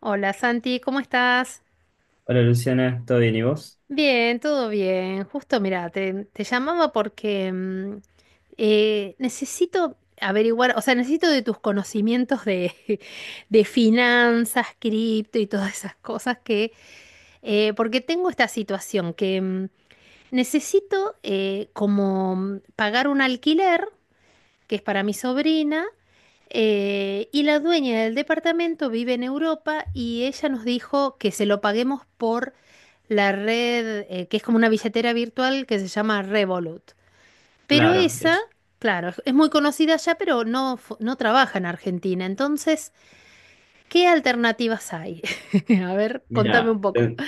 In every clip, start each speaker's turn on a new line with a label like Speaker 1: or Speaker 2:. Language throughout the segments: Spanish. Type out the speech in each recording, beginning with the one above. Speaker 1: Hola Santi, ¿cómo estás?
Speaker 2: Hola Luciana, ¿todo bien y vos?
Speaker 1: Bien, todo bien. Justo, mira, te llamaba porque necesito averiguar, o sea, necesito de tus conocimientos de, de finanzas, cripto y todas esas cosas que, porque tengo esta situación que necesito pagar un alquiler que es para mi sobrina, y la dueña del departamento vive en Europa y ella nos dijo que se lo paguemos por la red, que es como una billetera virtual que se llama Revolut. Pero
Speaker 2: Claro,
Speaker 1: esa, claro, es muy conocida ya, pero no, no trabaja en Argentina. Entonces, ¿qué alternativas hay? A ver, contame
Speaker 2: mira,
Speaker 1: un poco.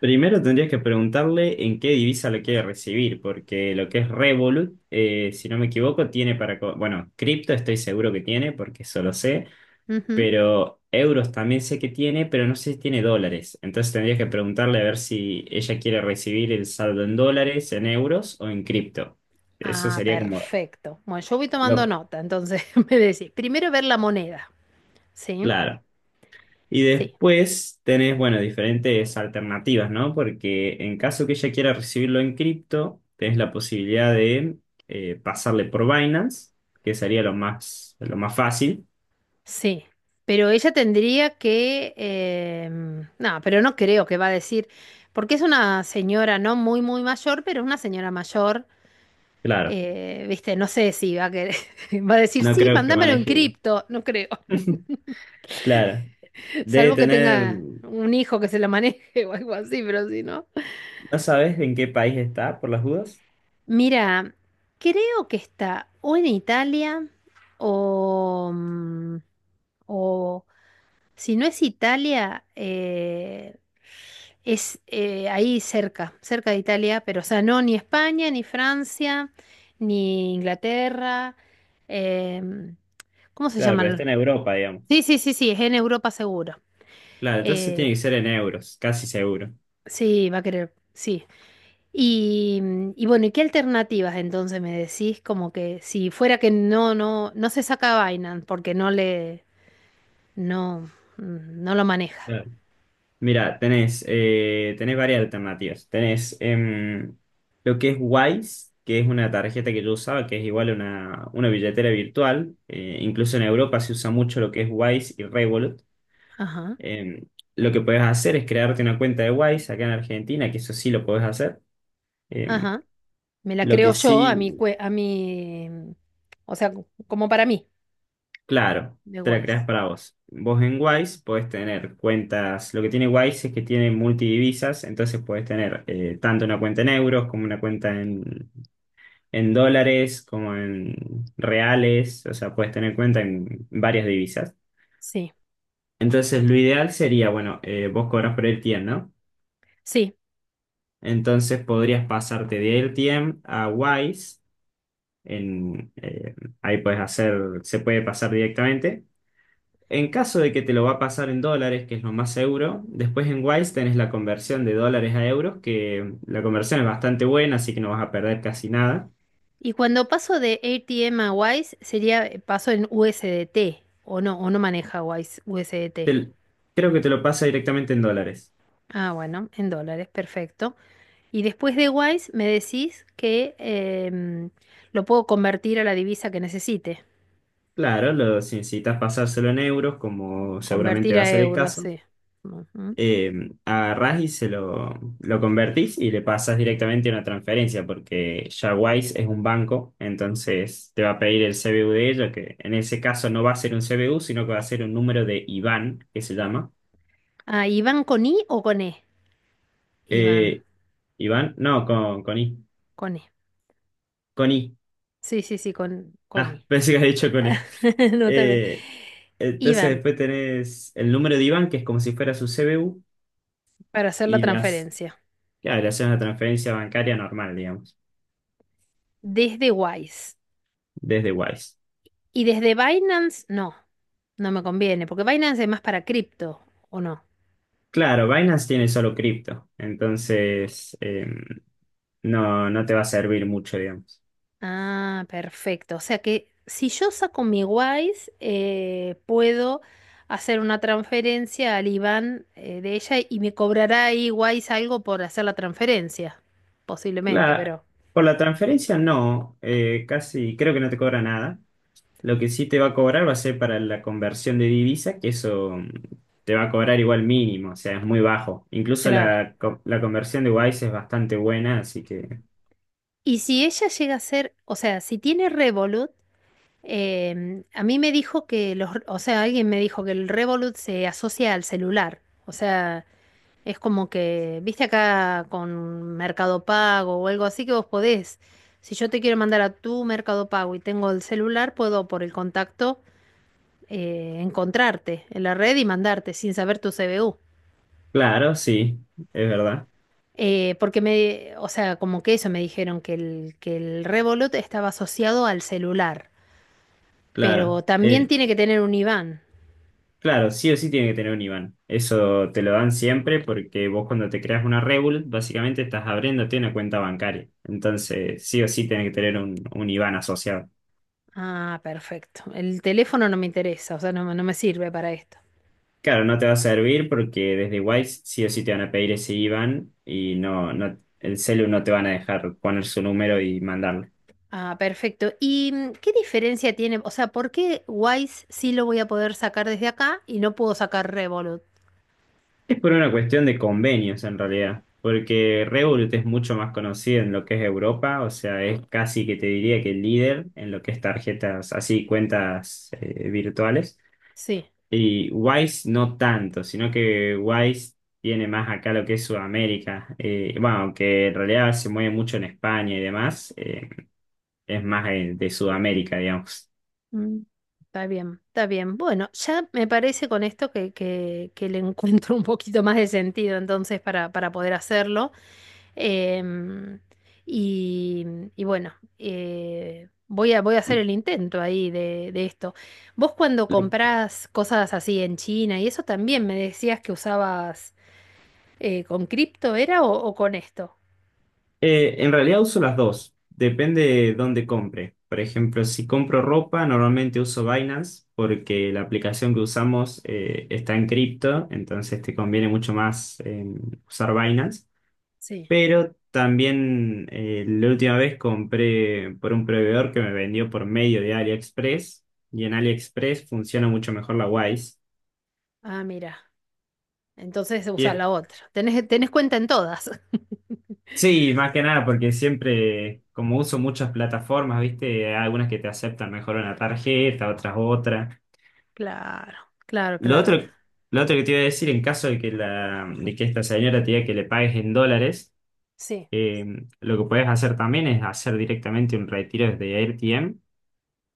Speaker 2: primero tendrías que preguntarle en qué divisa lo quiere recibir, porque lo que es Revolut, si no me equivoco, tiene para, bueno, cripto estoy seguro que tiene, porque eso lo sé,
Speaker 1: Ujú.
Speaker 2: pero euros también sé que tiene, pero no sé si tiene dólares. Entonces tendrías que preguntarle a ver si ella quiere recibir el saldo en dólares, en euros o en cripto. Eso
Speaker 1: Ah,
Speaker 2: sería como
Speaker 1: perfecto. Bueno, yo voy tomando
Speaker 2: lo
Speaker 1: nota, entonces me decís, primero ver la moneda, ¿sí?
Speaker 2: claro. Y
Speaker 1: Sí.
Speaker 2: después tenés, bueno, diferentes alternativas, ¿no? Porque en caso que ella quiera recibirlo en cripto, tenés la posibilidad de pasarle por Binance, que sería lo más fácil.
Speaker 1: Sí, pero ella tendría que... no, pero no creo que va a decir, porque es una señora no muy mayor, pero es una señora mayor,
Speaker 2: Claro,
Speaker 1: viste, no sé si va a querer, va a decir,
Speaker 2: no
Speaker 1: sí,
Speaker 2: creo que
Speaker 1: mándamelo en
Speaker 2: maneje.
Speaker 1: cripto, no creo,
Speaker 2: Claro, debe
Speaker 1: salvo que
Speaker 2: tener.
Speaker 1: tenga
Speaker 2: ¿No
Speaker 1: un hijo que se la maneje o algo así, pero si no.
Speaker 2: sabes en qué país está, por las dudas?
Speaker 1: Mira, creo que está o en Italia o, o si no es Italia, es ahí cerca, cerca de Italia, pero o sea, no ni España, ni Francia, ni Inglaterra. em, ¿Cómo se
Speaker 2: Claro, pero
Speaker 1: llaman?
Speaker 2: está en Europa, digamos.
Speaker 1: Sí, sí, sí, sí, es en Europa seguro.
Speaker 2: Claro, entonces
Speaker 1: Eh,
Speaker 2: tiene que ser en euros, casi seguro.
Speaker 1: sí, va a querer, sí. Y, y bueno, ¿y qué alternativas entonces me decís? Como que si fuera que no, no, no se saca Binance porque no le, no, no lo maneja.
Speaker 2: Mira, tenés varias alternativas. Tenés lo que es Wise, que es una tarjeta que yo usaba, que es igual a una billetera virtual. Incluso en Europa se usa mucho lo que es Wise y Revolut.
Speaker 1: Ajá,
Speaker 2: Em, lo que podés hacer es crearte una cuenta de Wise acá en Argentina, que eso sí lo podés hacer. Em,
Speaker 1: ajá. Me la
Speaker 2: lo que
Speaker 1: creo yo a mi,
Speaker 2: sí,
Speaker 1: a mi, o sea, como para mí,
Speaker 2: claro,
Speaker 1: de
Speaker 2: te la
Speaker 1: Wise.
Speaker 2: creás para vos. Vos en Wise podés tener cuentas, lo que tiene Wise es que tiene multidivisas, entonces podés tener tanto una cuenta en euros como una cuenta en dólares como en reales, o sea, puedes tener cuenta en varias divisas.
Speaker 1: Sí,
Speaker 2: Entonces, lo ideal sería, bueno, vos cobras por AirTM, ¿no?
Speaker 1: sí.
Speaker 2: Entonces, podrías pasarte de AirTM a Wise. en, eh, Ahí puedes hacer, se puede pasar directamente. En caso de que te lo va a pasar en dólares, que es lo más seguro, después en Wise tenés la conversión de dólares a euros, que la conversión es bastante buena, así que no vas a perder casi nada.
Speaker 1: Y cuando paso de ATM a Wise, sería paso en USDT, o no maneja Wise USDT.
Speaker 2: Te- Creo que te lo pasa directamente en dólares.
Speaker 1: Ah, bueno, en dólares, perfecto. Y después de Wise me decís que lo puedo convertir a la divisa que necesite.
Speaker 2: Claro, los incitas a pasárselo en euros, como seguramente
Speaker 1: Convertir
Speaker 2: va a
Speaker 1: a
Speaker 2: ser el
Speaker 1: euros,
Speaker 2: caso.
Speaker 1: sí. Ujú.
Speaker 2: Eh, Agarrás y lo convertís y le pasas directamente una transferencia, porque ya Wise es un banco, entonces te va a pedir el CBU de ella, que en ese caso no va a ser un CBU, sino que va a ser un número de IBAN, que se llama.
Speaker 1: Ah, ¿y van con I o con E? Iván,
Speaker 2: Eh, IBAN, no, con I.
Speaker 1: con E.
Speaker 2: Con I.
Speaker 1: Sí, sí, sí, con
Speaker 2: Ah,
Speaker 1: I.
Speaker 2: pensé que había dicho con E.
Speaker 1: No, está bien.
Speaker 2: Eh, entonces
Speaker 1: Iban
Speaker 2: después tenés el número de IBAN, que es como si fuera su CBU,
Speaker 1: para hacer la
Speaker 2: y las.
Speaker 1: transferencia
Speaker 2: Claro, hacer una transferencia bancaria normal, digamos,
Speaker 1: desde Wise
Speaker 2: desde Wise.
Speaker 1: y desde Binance, no, no me conviene, porque Binance es más para cripto, ¿o no?
Speaker 2: Claro, Binance tiene solo cripto, entonces no, no te va a servir mucho, digamos.
Speaker 1: Ah, perfecto. O sea que si yo saco mi Wise, puedo hacer una transferencia al IBAN de ella y me cobrará ahí Wise algo por hacer la transferencia, posiblemente,
Speaker 2: La,
Speaker 1: pero
Speaker 2: por la transferencia no, casi creo que no te cobra nada. Lo que sí te va a cobrar va a ser para la conversión de divisa, que eso te va a cobrar igual mínimo, o sea, es muy bajo. Incluso
Speaker 1: claro.
Speaker 2: la conversión de Wise es bastante buena, así que,
Speaker 1: Y si ella llega a ser, o sea, si tiene Revolut, a mí me dijo que los, o sea, alguien me dijo que el Revolut se asocia al celular. O sea, es como que, viste acá con Mercado Pago o algo así que vos podés. Si yo te quiero mandar a tu Mercado Pago y tengo el celular, puedo por el contacto encontrarte en la red y mandarte sin saber tu CBU.
Speaker 2: claro, sí, es verdad,
Speaker 1: Porque me, o sea, como que eso me dijeron que que el Revolut estaba asociado al celular,
Speaker 2: claro.
Speaker 1: pero también tiene que tener un IBAN.
Speaker 2: Claro, sí o sí tiene que tener un IBAN. Eso te lo dan siempre porque vos cuando te creas una Revolut, básicamente estás abriéndote una cuenta bancaria. Entonces, sí o sí tiene que tener un IBAN asociado.
Speaker 1: Ah, perfecto. El teléfono no me interesa, o sea, no, me no me sirve para esto.
Speaker 2: Claro, no te va a servir porque desde Wise sí o sí te van a pedir ese IBAN y no, no, el celu no te van a dejar poner su número y mandarlo.
Speaker 1: Ah, perfecto. ¿Y qué diferencia tiene? O sea, ¿por qué Wise sí lo voy a poder sacar desde acá y no puedo sacar Revolut?
Speaker 2: Es por una cuestión de convenios en realidad, porque Revolut es mucho más conocido en lo que es Europa, o sea, es casi que te diría que el líder en lo que es tarjetas, así cuentas virtuales,
Speaker 1: Sí.
Speaker 2: y Wise no tanto, sino que Wise tiene más acá lo que es Sudamérica, bueno, aunque en realidad se mueve mucho en España y demás, es más de Sudamérica, digamos.
Speaker 1: Mm, está bien, está bien. Bueno, ya me parece con esto que le encuentro un poquito más de sentido entonces para poder hacerlo. Em, y, y bueno, voy a hacer el intento ahí de esto. Vos cuando comprás cosas así en China y eso también me decías que usabas con cripto, ¿era o con esto?
Speaker 2: En realidad uso las dos, depende de dónde compre. Por ejemplo, si compro ropa, normalmente uso Binance porque la aplicación que usamos está en cripto, entonces te conviene mucho más usar Binance.
Speaker 1: Sí.
Speaker 2: Pero también la última vez compré por un proveedor que me vendió por medio de AliExpress y en AliExpress funciona mucho mejor la Wise.
Speaker 1: Ah, mira. Entonces usás
Speaker 2: Y
Speaker 1: la otra. Tenés, tenés cuenta en todas.
Speaker 2: sí, más que nada, porque siempre, como uso muchas plataformas, ¿viste? Hay algunas que te aceptan mejor una tarjeta, otras otra.
Speaker 1: Claro, claro,
Speaker 2: Lo
Speaker 1: claro.
Speaker 2: otro, lo otro que te iba a decir, en caso de que, de que esta señora te diga que le pagues en dólares,
Speaker 1: Sí.
Speaker 2: eh, lo que puedes hacer también es hacer directamente un retiro desde AirTM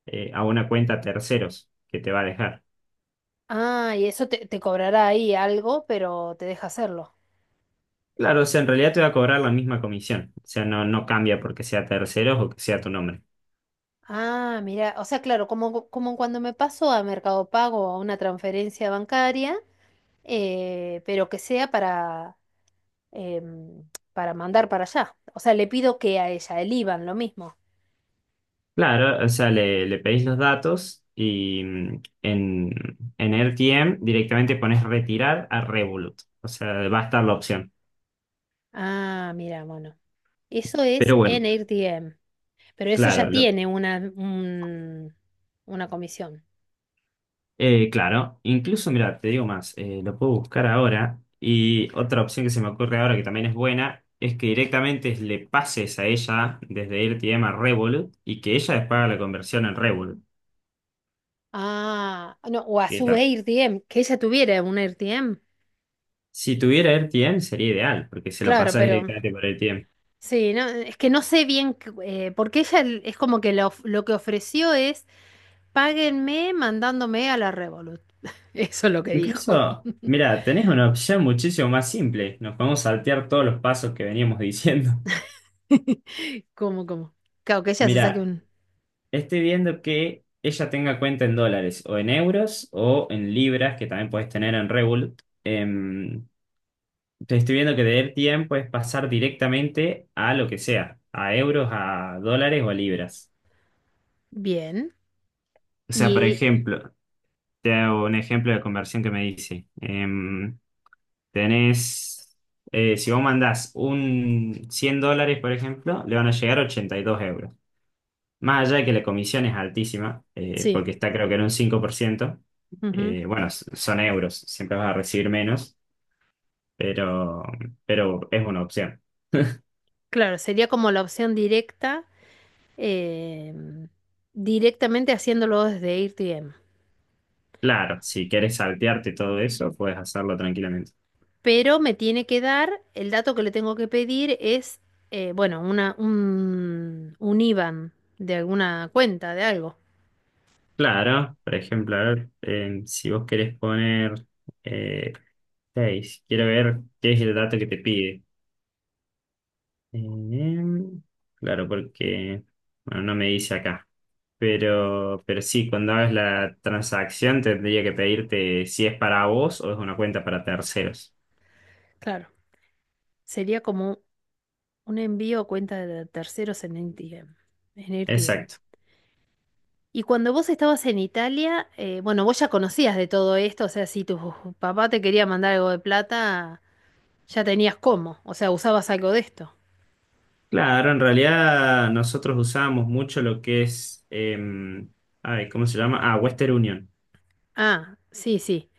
Speaker 2: a una cuenta terceros que te va a dejar.
Speaker 1: Ah, y eso te, te cobrará ahí algo, pero te deja hacerlo.
Speaker 2: Claro, o sea, en realidad te va a cobrar la misma comisión. O sea, no, no cambia porque sea terceros o que sea tu nombre.
Speaker 1: Ah, mira, o sea, claro, como, como cuando me paso a Mercado Pago o a una transferencia bancaria, pero que sea para, em, para mandar para allá. O sea, le pido que a ella, el IBAN, lo mismo.
Speaker 2: Claro, o sea, le pedís los datos y en, RTM directamente pones retirar a Revolut. O sea, va a estar la opción.
Speaker 1: Ah, mira, bueno. Eso es
Speaker 2: Pero bueno,
Speaker 1: en AirDM, pero eso ya
Speaker 2: claro,
Speaker 1: tiene una comisión.
Speaker 2: claro. Incluso, mira, te digo más, lo puedo buscar ahora. Y otra opción que se me ocurre ahora que también es buena es que directamente le pases a ella desde RTM a Revolut y que ella les haga la conversión en Revolut.
Speaker 1: Ah, no, o a
Speaker 2: ¿Qué
Speaker 1: su
Speaker 2: tal?
Speaker 1: AirDM, que ella tuviera un AirDM.
Speaker 2: Si tuviera RTM sería ideal, porque se lo
Speaker 1: Claro,
Speaker 2: pasas
Speaker 1: pero
Speaker 2: directamente por RTM.
Speaker 1: sí, no, es que no sé bien, porque ella es como que lo que ofreció es, páguenme mandándome a la Revolut. Eso es lo que dijo.
Speaker 2: Incluso, mira, tenés una opción muchísimo más simple. Nos podemos saltear todos los pasos que veníamos diciendo.
Speaker 1: ¿Cómo, cómo? Claro, que ella se saque
Speaker 2: Mira,
Speaker 1: un...
Speaker 2: estoy viendo que ella tenga cuenta en dólares o en euros o en libras, que también puedes tener en Revolut. Te estoy viendo que de tiempo es pasar directamente a lo que sea, a euros, a dólares o a libras.
Speaker 1: Bien.
Speaker 2: O sea, por
Speaker 1: Y
Speaker 2: ejemplo, te hago un ejemplo de conversión que me dice. Tenés, si vos mandás un 100 dólares, por ejemplo, le van a llegar 82 euros. Más allá de que la comisión es altísima,
Speaker 1: sí,
Speaker 2: porque está creo que en un 5%,
Speaker 1: ujú.
Speaker 2: bueno, son euros, siempre vas a recibir menos, pero, pero es una opción.
Speaker 1: Claro, sería como la opción directa, eh, directamente haciéndolo desde AirTM.
Speaker 2: Claro, si quieres saltearte todo eso, puedes hacerlo tranquilamente.
Speaker 1: Pero me tiene que dar, el dato que le tengo que pedir es, bueno, un IBAN de alguna cuenta, de algo.
Speaker 2: Claro, por ejemplo, a ver, si vos querés poner eh, 6, quiero ver qué es el dato que te pide. Em, claro, porque, bueno, no me dice acá. Pero sí, cuando hagas la transacción tendría que pedirte si es para vos o es una cuenta para terceros.
Speaker 1: Claro, sería como un envío a cuenta de terceros en AirTM. En AirTM.
Speaker 2: Exacto.
Speaker 1: Y cuando vos estabas en Italia, bueno, vos ya conocías de todo esto, o sea, si tu papá te quería mandar algo de plata, ya tenías cómo, o sea, usabas algo de esto.
Speaker 2: Claro, en realidad nosotros usábamos mucho lo que es, ay, ¿cómo se llama? Ah, Western Union.
Speaker 1: Ah, sí, sí,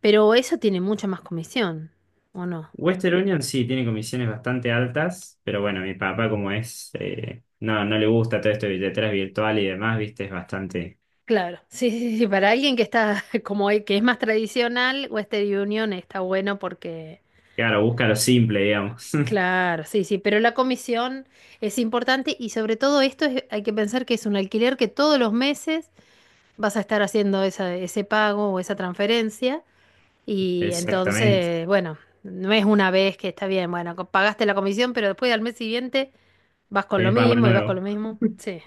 Speaker 1: pero eso tiene mucha más comisión, ¿o no?
Speaker 2: Western Union sí tiene comisiones bastante altas, pero bueno, mi papá como es, no, no le gusta todo esto de billeteras virtual y demás, viste, es bastante,
Speaker 1: Claro, sí, sí, sí, para alguien que está como el que es más tradicional, Western Union está bueno porque
Speaker 2: claro, busca lo simple, digamos.
Speaker 1: claro, sí, sí, pero la comisión es importante y sobre todo esto hay que pensar que es un alquiler que todos los meses vas a estar haciendo ese pago o esa transferencia y
Speaker 2: Exactamente.
Speaker 1: entonces, bueno, no es una vez que está bien, bueno, pagaste la comisión, pero después al mes siguiente vas con lo
Speaker 2: Es Barla
Speaker 1: mismo y vas con lo
Speaker 2: Nuevo.
Speaker 1: mismo. Sí,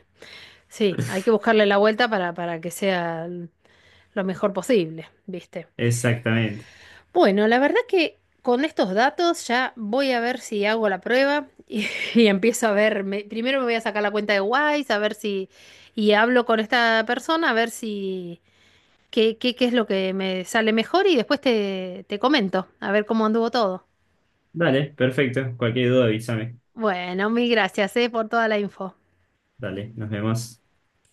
Speaker 1: sí, hay que buscarle la vuelta para que sea lo mejor posible, ¿viste?
Speaker 2: Exactamente.
Speaker 1: Bueno, la verdad que con estos datos ya voy a ver si hago la prueba y, y empiezo a ver, primero me voy a sacar la cuenta de Wise, a ver si, y hablo con esta persona, a ver si, qué, qué, qué es lo que me sale mejor y después te, te comento, a ver cómo anduvo todo.
Speaker 2: Dale, perfecto. Cualquier duda avísame.
Speaker 1: Bueno, mil gracias, por toda la info.
Speaker 2: Dale, nos vemos.